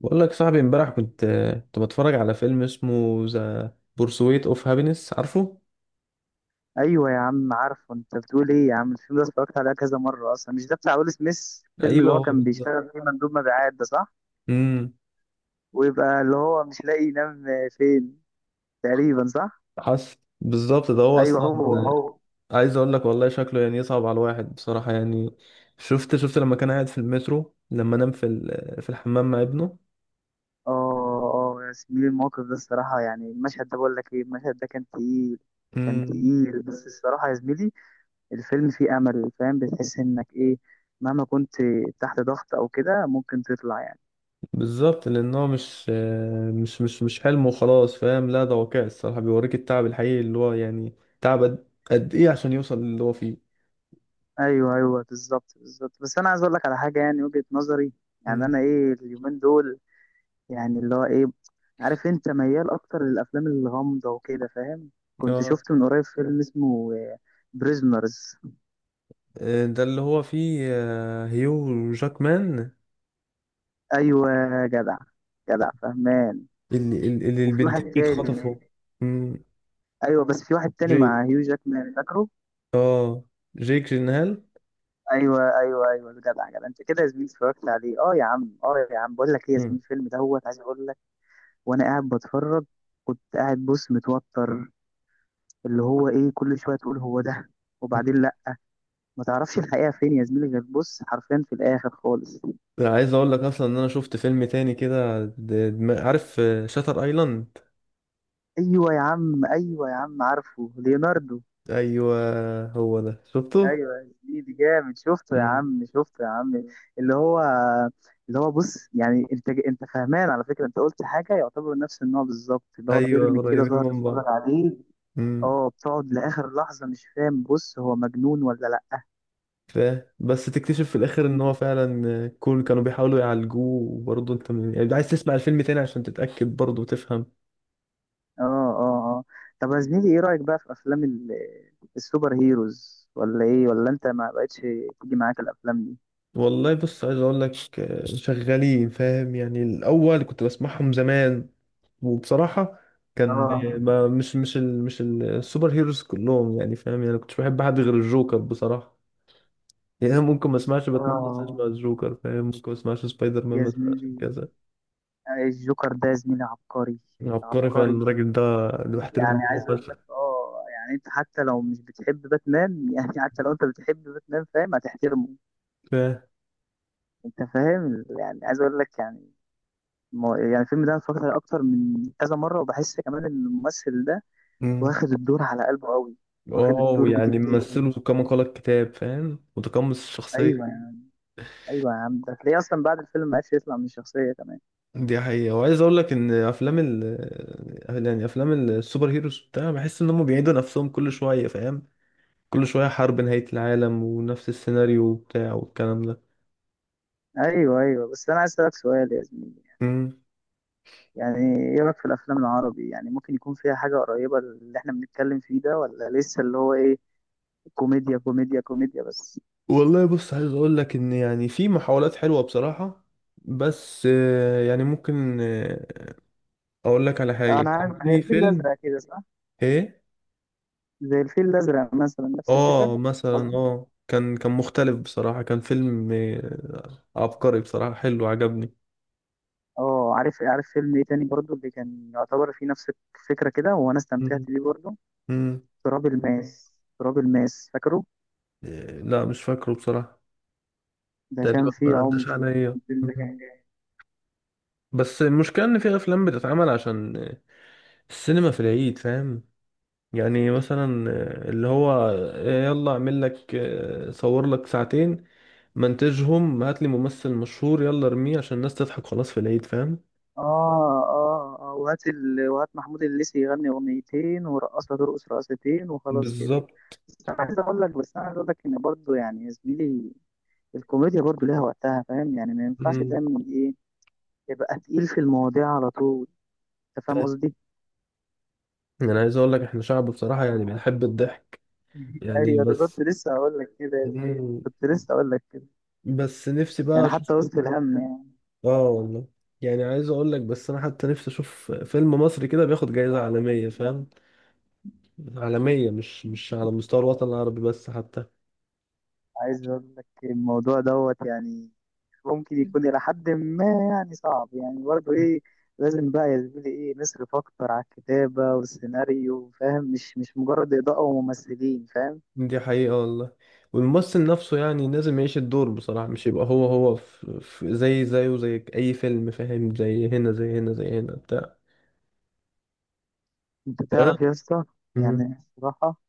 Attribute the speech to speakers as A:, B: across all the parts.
A: بقول لك صاحبي امبارح كنت بتفرج على فيلم اسمه ذا بورسويت اوف هابينس، عارفه؟
B: ايوه يا عم، عارفه انت بتقول ايه يا عم. الفيلم ده اتفرجت عليه كذا مره اصلا، مش ده بتاع ويل سميث الفيلم اللي
A: ايوه،
B: هو
A: هو
B: كان
A: بالظبط.
B: بيشتغل فيه مندوب مبيعات ده؟ صح،
A: امم.
B: ويبقى اللي هو مش لاقي ينام فين تقريبا، صح.
A: حصل بالظبط، ده هو
B: ايوه
A: اصلا.
B: هو هو.
A: عايز اقول لك والله شكله يعني يصعب على الواحد بصراحه، يعني شفت لما كان قاعد في المترو، لما نام في الحمام مع ابنه.
B: اه اه يا زميلي، الموقف ده الصراحه، يعني المشهد ده، بقول لك ايه، المشهد ده كان تقيل، كان
A: امم.
B: تقيل. بس الصراحه يا زميلي، الفيلم فيه امل، فاهم؟ بتحس انك ايه، مهما كنت تحت ضغط او كده ممكن تطلع، يعني.
A: بالظبط، لان هو مش حلم وخلاص، فاهم؟ لا، ده واقع، الصراحه بيوريك التعب الحقيقي اللي هو يعني تعب قد ايه عشان يوصل للي هو فيه.
B: ايوه ايوه، بالظبط بالظبط، بس انا عايز اقول لك على حاجه، يعني وجهه نظري. يعني
A: امم.
B: انا ايه اليومين دول، يعني اللي هو ايه، عارف انت ميال اكتر للافلام الغامضه وكده فاهم. كنت
A: اه،
B: شفت من قريب فيلم اسمه بريزنرز.
A: آه، ده اللي هو فيه هيو جاكمان.
B: ايوه، جدع، جدع فهمان.
A: اللي, اللي
B: وفي
A: البنتين
B: واحد تاني.
A: اتخطفوا. مم.
B: ايوه بس في واحد تاني
A: جيك
B: مع هيو جاكمان، فاكره؟
A: اه جيك جينهال.
B: ايوه ايوه ايوه، جدع جدع انت كده يا زميلي، اتفرجت عليه. اه يا عم، اه يا عم، بقول لك ايه يا
A: مم.
B: زميلي، الفيلم دوت، عايز اقول لك، وانا قاعد بتفرج، كنت قاعد بص متوتر، اللي هو ايه، كل شويه تقول هو ده،
A: مم.
B: وبعدين لا. ما تعرفش الحقيقه فين يا زميلي، غير بص حرفيا في الاخر خالص.
A: عايز اقول لك اصلا ان انا شفت فيلم تاني كده، عارف شاتر ايلاند؟
B: ايوه يا عم، ايوه يا عم، عارفه ليوناردو.
A: ايوه، هو ده شفته.
B: ايوه يا زميلي جامد، شفته يا
A: مم.
B: عم، شفته يا عم. اللي هو، اللي هو بص، يعني انت فهمان، على فكره انت قلت حاجه يعتبر نفس النوع بالظبط، اللي هو
A: ايوه،
B: فيلم كده
A: قريبين
B: تقعد
A: من
B: تتفرج
A: بعض.
B: عليه.
A: مم.
B: اه، بتقعد لاخر لحظه مش فاهم، بص هو مجنون ولا لا.
A: ف... بس تكتشف في الاخر ان هو فعلا كانوا بيحاولوا يعالجوه، وبرضه انت يعني عايز تسمع الفيلم تاني عشان تتاكد برضه وتفهم.
B: اه اه اه. طب يا زميلي، ايه رأيك بقى في السوبر هيروز، ولا ايه، ولا انت ما بقتش تيجي معاك الافلام دي؟
A: والله بص، عايز اقول لك شغالين، فاهم؟ يعني الاول كنت بسمعهم زمان. وبصراحه، كان
B: اه
A: ما مش السوبر هيروز كلهم، يعني فاهم؟ يعني كنتش بحب حد غير الجوكر بصراحه. يعني ممكن ما اسمعش باتمان بس اسمع
B: اه
A: الجوكر، فاهم؟ ممكن ما اسمعش سبايدر مان
B: يا
A: بس اسمعش
B: زميلي،
A: كذا.
B: الجوكر ده يا زميلي عبقري،
A: عبقري فعلا
B: عبقري.
A: الراجل ده، اللي بحترم
B: يعني
A: دماغه
B: عايز اقول لك،
A: فشخ.
B: اه يعني انت حتى لو مش بتحب باتمان يعني حتى لو انت بتحب باتمان، فاهم، هتحترمه.
A: فاهم.
B: انت فاهم، يعني عايز اقول لك، يعني يعني الفيلم ده أنا اتفرجت عليه اكتر من كذا مره، وبحس كمان ان الممثل ده
A: مم.
B: واخد الدور على قلبه قوي، واخد
A: واو،
B: الدور
A: يعني
B: بجديه.
A: ممثله كما قال الكتاب، فاهم؟ متقمص
B: ايوه
A: الشخصيه.
B: يا عم، ايوه يا عم، ده هتلاقيه اصلا بعد الفيلم ما عرفش يطلع من الشخصيه كمان.
A: دي حقيقة، وعايز اقول لك ان افلام ال يعني افلام السوبر هيروز بتاع، بحس ان هم بيعيدوا نفسهم كل شوية، فاهم؟ كل شوية حرب نهاية العالم ونفس السيناريو وبتاع والكلام ده.
B: ايوه ايوه، بس انا عايز اسالك سؤال يا زميلي.
A: امم.
B: يعني ايه رايك في الافلام العربي؟ يعني ممكن يكون فيها حاجه قريبه اللي احنا بنتكلم فيه ده، ولا لسه اللي هو ايه، كوميديا كوميديا كوميديا بس؟
A: والله بص، عايز اقول لك ان يعني في محاولات حلوة بصراحة. بس يعني ممكن اقول لك على حاجة،
B: انا
A: كان
B: عارف، زي
A: في
B: الفيل
A: فيلم.
B: الازرق كده، صح؟
A: ايه.
B: زي الفيل الازرق مثلا نفس الفكره،
A: اه مثلا
B: قصدي.
A: كان مختلف بصراحة، كان فيلم عبقري بصراحة، حلو عجبني.
B: اه عارف عارف، فيلم ايه تاني برضو اللي كان يعتبر فيه نفس الفكره كده وانا استمتعت
A: مم.
B: بيه برضو؟
A: مم.
B: تراب الماس، تراب الماس، فاكره؟
A: آه، لا، مش فاكره بصراحة.
B: ده
A: تقريبا
B: كان فيه
A: ما
B: عمق،
A: عداش
B: يعني
A: عليا.
B: الفيلم ده
A: مم.
B: كان جامد.
A: بس المشكلة إن في أفلام بتتعمل عشان السينما في العيد، فاهم؟ يعني مثلا، اللي هو، يلا أعمل لك، صور لك ساعتين، منتجهم هات لي ممثل مشهور، يلا ارميه عشان الناس تضحك خلاص في العيد، فاهم؟
B: اه اه اه، وهات وهات محمود الليثي يغني اغنيتين، ورقصها ترقص رقصتين، وخلاص كده.
A: بالظبط.
B: بس انا عايز اقول لك، بس انا عايز اقول لك، ان برضه يعني يا زميلي، الكوميديا برضه ليها وقتها، فاهم؟ يعني ما ينفعش
A: مم.
B: دايما ايه، يبقى تقيل في المواضيع على طول. انت فاهم قصدي؟
A: أنا عايز أقول لك إحنا شعب بصراحة يعني بنحب الضحك، يعني
B: ايوه، ده كنت
A: بس.
B: لسه هقول لك كده يا زميلي،
A: مم.
B: كنت لسه هقول لك كده.
A: بس نفسي بقى
B: يعني
A: أشوف.
B: حتى وسط الهم، يعني
A: اه والله. يعني عايز اقول لك، بس انا حتى نفسي اشوف فيلم مصري كده بياخد جايزة عالمية، فاهم؟ عالمية، مش على مستوى الوطن العربي بس، حتى.
B: عايز اقول لك، الموضوع دوت يعني ممكن يكون إلى حد ما يعني صعب، يعني برضه إيه. لازم بقى يا زميلي إيه، نصرف أكتر على الكتابة والسيناريو، فاهم؟ مش مجرد إضاءة وممثلين، فاهم؟
A: دي حقيقة والله. والممثل نفسه يعني لازم يعيش الدور بصراحة، مش يبقى هو هو في زي زيه زي اي فيلم، فاهم؟ زي هنا زي هنا زي هنا بتاع.
B: أنت
A: انا.
B: تعرف يا اسطى،
A: مم.
B: يعني بصراحة،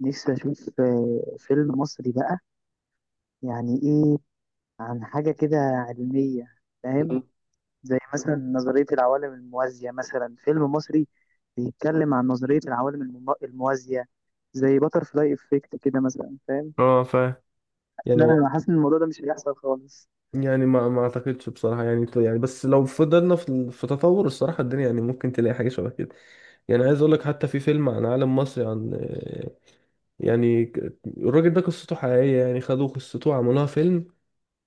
B: نفسي أشوف فيلم مصري بقى. يعني إيه، عن حاجة كده علمية، فاهم؟ زي مثلا نظرية العوالم الموازية، مثلا فيلم مصري بيتكلم عن نظرية الموازية، زي باترفلاي إفكت كده مثلا، فاهم؟
A: اه فاهم. يعني
B: لا
A: هو،
B: انا حاسس ان الموضوع ده مش هيحصل خالص.
A: يعني ما اعتقدش بصراحة، يعني بس لو فضلنا في تطور الصراحة الدنيا، يعني ممكن تلاقي حاجة شبه كده. يعني عايز اقول لك، حتى في فيلم عن عالم مصري، عن يعني الراجل ده قصته حقيقية، يعني خدوا قصته وعملوها فيلم،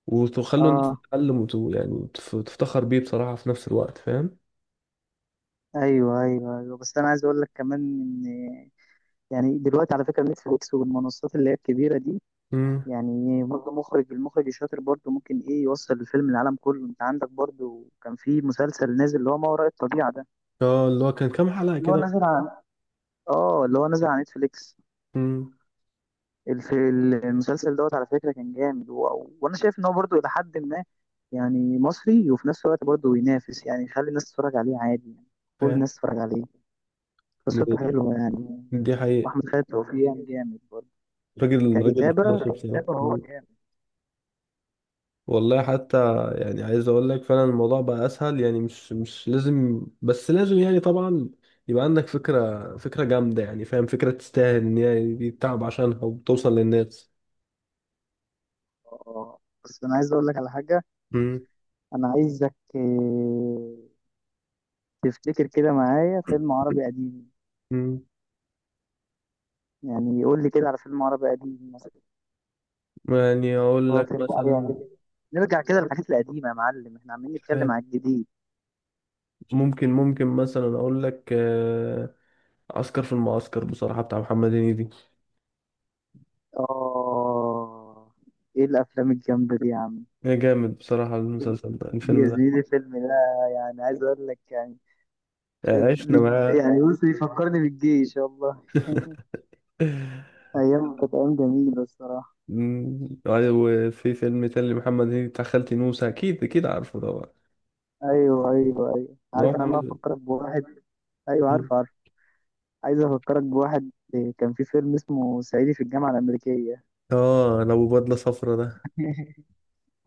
A: وخلوا الناس
B: اه
A: تتعلم يعني وتفتخر بيه بصراحة في نفس الوقت، فاهم؟
B: ايوه ايوه ايوه، بس انا عايز اقول لك كمان ان، يعني دلوقتي على فكره، نتفليكس والمنصات اللي هي الكبيره دي،
A: امم.
B: يعني برضه مخرج، المخرج الشاطر برضه ممكن ايه، يوصل الفيلم للعالم كله. انت عندك برضه كان في مسلسل نازل، اللي هو ما وراء الطبيعه ده،
A: اه، اللي هو كان كام حلقة
B: اللي هو
A: كده؟
B: نازل على، اه اللي هو نازل على نتفليكس.
A: امم.
B: المسلسل دوت على فكره كان جامد، وانا شايف ان هو برضه الى حد ما يعني مصري، وفي نفس الوقت برضه ينافس، يعني يخلي الناس تتفرج عليه عادي يعني، كل
A: فاهم.
B: الناس تتفرج عليه، قصته حلوة يعني.
A: دي حقيقة.
B: وأحمد خالد توفيق يعني جامد برضه،
A: راجل راجل
B: ككتابة،
A: طرش بصراحة.
B: ككتابة هو جامد.
A: والله حتى يعني عايز اقول لك، فعلا الموضوع بقى اسهل، يعني مش لازم، بس لازم يعني طبعا. يبقى عندك فكرة فكرة جامدة، يعني فاهم؟ فكرة تستاهل ان هي يتعب عشانها وتوصل للناس.
B: اه، بس أنا عايز أقول لك على حاجة.
A: مم.
B: أنا عايزك، تفتكر كده معايا فيلم عربي قديم،
A: مم.
B: يعني يقول لي كده على فيلم عربي قديم مثلا،
A: يعني اقول
B: هو
A: لك
B: فيلم عربي
A: مثلا.
B: قديم. نرجع كده للحاجات القديمة يا معلم، احنا عمالين نتكلم
A: فاهم.
B: على الجديد.
A: ممكن مثلا اقول لك عسكر في المعسكر بصراحة، بتاع محمد هنيدي.
B: آه إيه الأفلام الجامدة دي يا عم!
A: يا جامد بصراحة، المسلسل ده الفيلم
B: يا
A: ده.
B: زميلي الفيلم ده، يعني عايز أقول لك، يعني
A: عشنا معاه.
B: يعني بص، يفكرني بالجيش والله. ايام كانت ايام جميله الصراحه.
A: مم. أيوة. وفي فيلم تاني لمحمد هنيدي، بتاع خالتي نوسة، أكيد أكيد عارفه طبعا.
B: ايوه ايوه ايوه،
A: هو
B: عارف انا بقى
A: محمد.
B: افكرك بواحد، ايوه
A: مم.
B: عارف عارف. عايز افكرك بواحد، كان في فيلم اسمه صعيدي في الجامعه الامريكيه.
A: آه، لو بدلة صفرا ده؟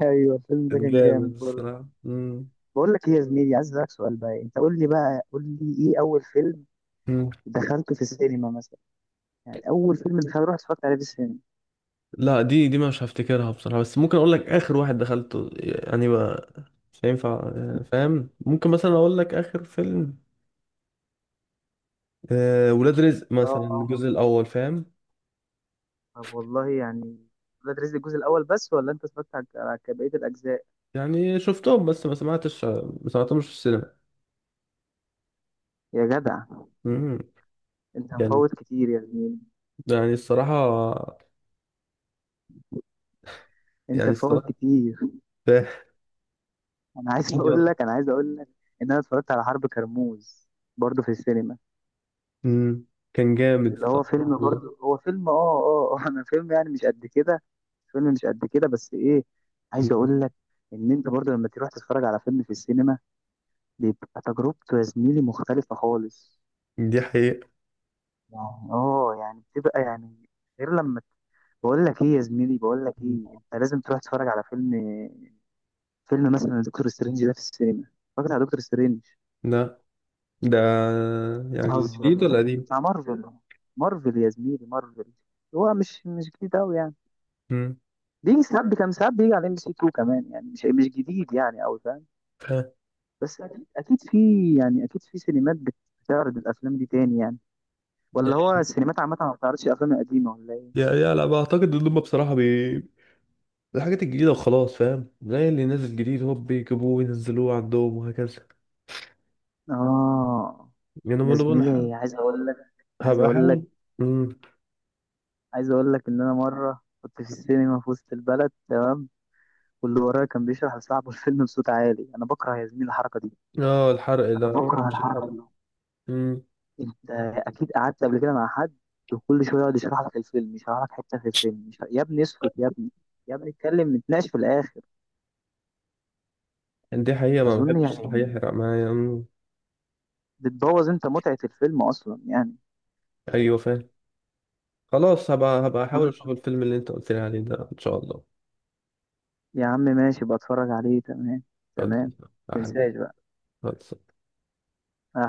B: ايوه الفيلم ده
A: كان
B: كان
A: جامد
B: جامد برضه.
A: الصراحة. مم.
B: بقول لك ايه يا زميلي، عايز اسالك سؤال بقى، انت قول لي بقى، قول لي ايه اول فيلم
A: مم.
B: دخلته في السينما مثلا، يعني اول فيلم دخلته رحت اتفرجت عليه في السينما.
A: لا، دي مش هفتكرها بصراحة، بس ممكن أقول لك آخر واحد دخلته يعني بقى. مش هينفع. فاهم، ممكن مثلا أقول لك آخر فيلم. ولاد رزق مثلا،
B: اه
A: الجزء الأول، فاهم؟
B: طب والله، يعني ولاد رزق الجزء الاول بس، ولا انت اتفرجت على بقيه الاجزاء؟
A: يعني شفتهم بس ما سمعتهمش في السينما.
B: يا جدع
A: مم.
B: انت
A: كان.
B: مفوت كتير يا زميلي،
A: يعني الصراحة.
B: انت
A: يعني
B: فاهم
A: الصراحة
B: كتير. انا عايز اقول لك، انا عايز اقول لك ان انا اتفرجت على حرب كرموز برضه في السينما،
A: مم. كان جامد
B: اللي هو
A: بصراحة.
B: فيلم برضه، هو فيلم اه اه انا فيلم يعني مش قد كده، فيلم مش قد كده، بس ايه، عايز
A: مم.
B: اقول لك ان انت برضه لما تروح تتفرج على فيلم في السينما، بيبقى تجربته يا زميلي مختلفة خالص.
A: دي حقيقة.
B: يعني اه يعني بتبقى يعني غير لما، بقول لك ايه يا زميلي، بقول لك ايه، انت لازم تروح تتفرج على فيلم، فيلم مثلا دكتور سترينج ده في السينما. اتفرجت على دكتور سترينج؟
A: لا، ده يعني
B: بتهزر،
A: جديد ولا قديم؟
B: بتاع مارفل، مارفل يا زميلي، مارفل. هو مش جديد قوي يعني،
A: مم.
B: بيجي ساعات، كان ساعات بيجي على ام بي سي 2 كمان، يعني مش جديد يعني قوي، فاهم؟
A: فاهم.
B: بس اكيد اكيد في، يعني اكيد في سينمات بتعرض الافلام دي تاني يعني،
A: يا
B: ولا هو السينمات عامه ما بتعرضش الافلام القديمه ولا ايه؟
A: يا يا لا، بعتقد ان هم بصراحة الحاجات الجديدة وخلاص، فاهم؟ زي اللي نازل جديد هو بيجيبوه وينزلوه عندهم وهكذا.
B: اه
A: يعني انا
B: يا
A: برضه أنا
B: زميلي عايز اقول لك، عايز
A: هبقى
B: اقول لك،
A: احاول. مم.
B: عايز اقول لك ان انا مره كنت في السينما في وسط البلد، تمام؟ واللي ورايا كان بيشرح لصاحبه الفيلم بصوت عالي، انا بكره يا زميلي الحركه دي،
A: اه، الحرق
B: انا
A: ده، ما
B: بكره
A: بحبش
B: الحركه
A: الحرق.
B: دي.
A: مم.
B: انت اكيد قعدت قبل كده مع حد وكل شويه يقعد يشرح لك الفيلم، يشرح لك حته في الفيلم، مش... يا ابني اسكت يا ابني، يا ابني اتكلم نتناقش في الاخر.
A: يعني دي حقيقة، ما
B: اظن
A: بحبش
B: يعني
A: صراحة يحرق معايا. مم.
B: بتبوظ انت متعه الفيلم اصلا يعني.
A: ايوه، فاهم. خلاص، هبقى احاول
B: طب
A: اشوف الفيلم اللي انت قلت لي عليه ده، ان شاء الله.
B: يا عم ماشي، بتفرج عليه تمام، تمام،
A: خلاص.
B: تنساش بقى.
A: خلاص.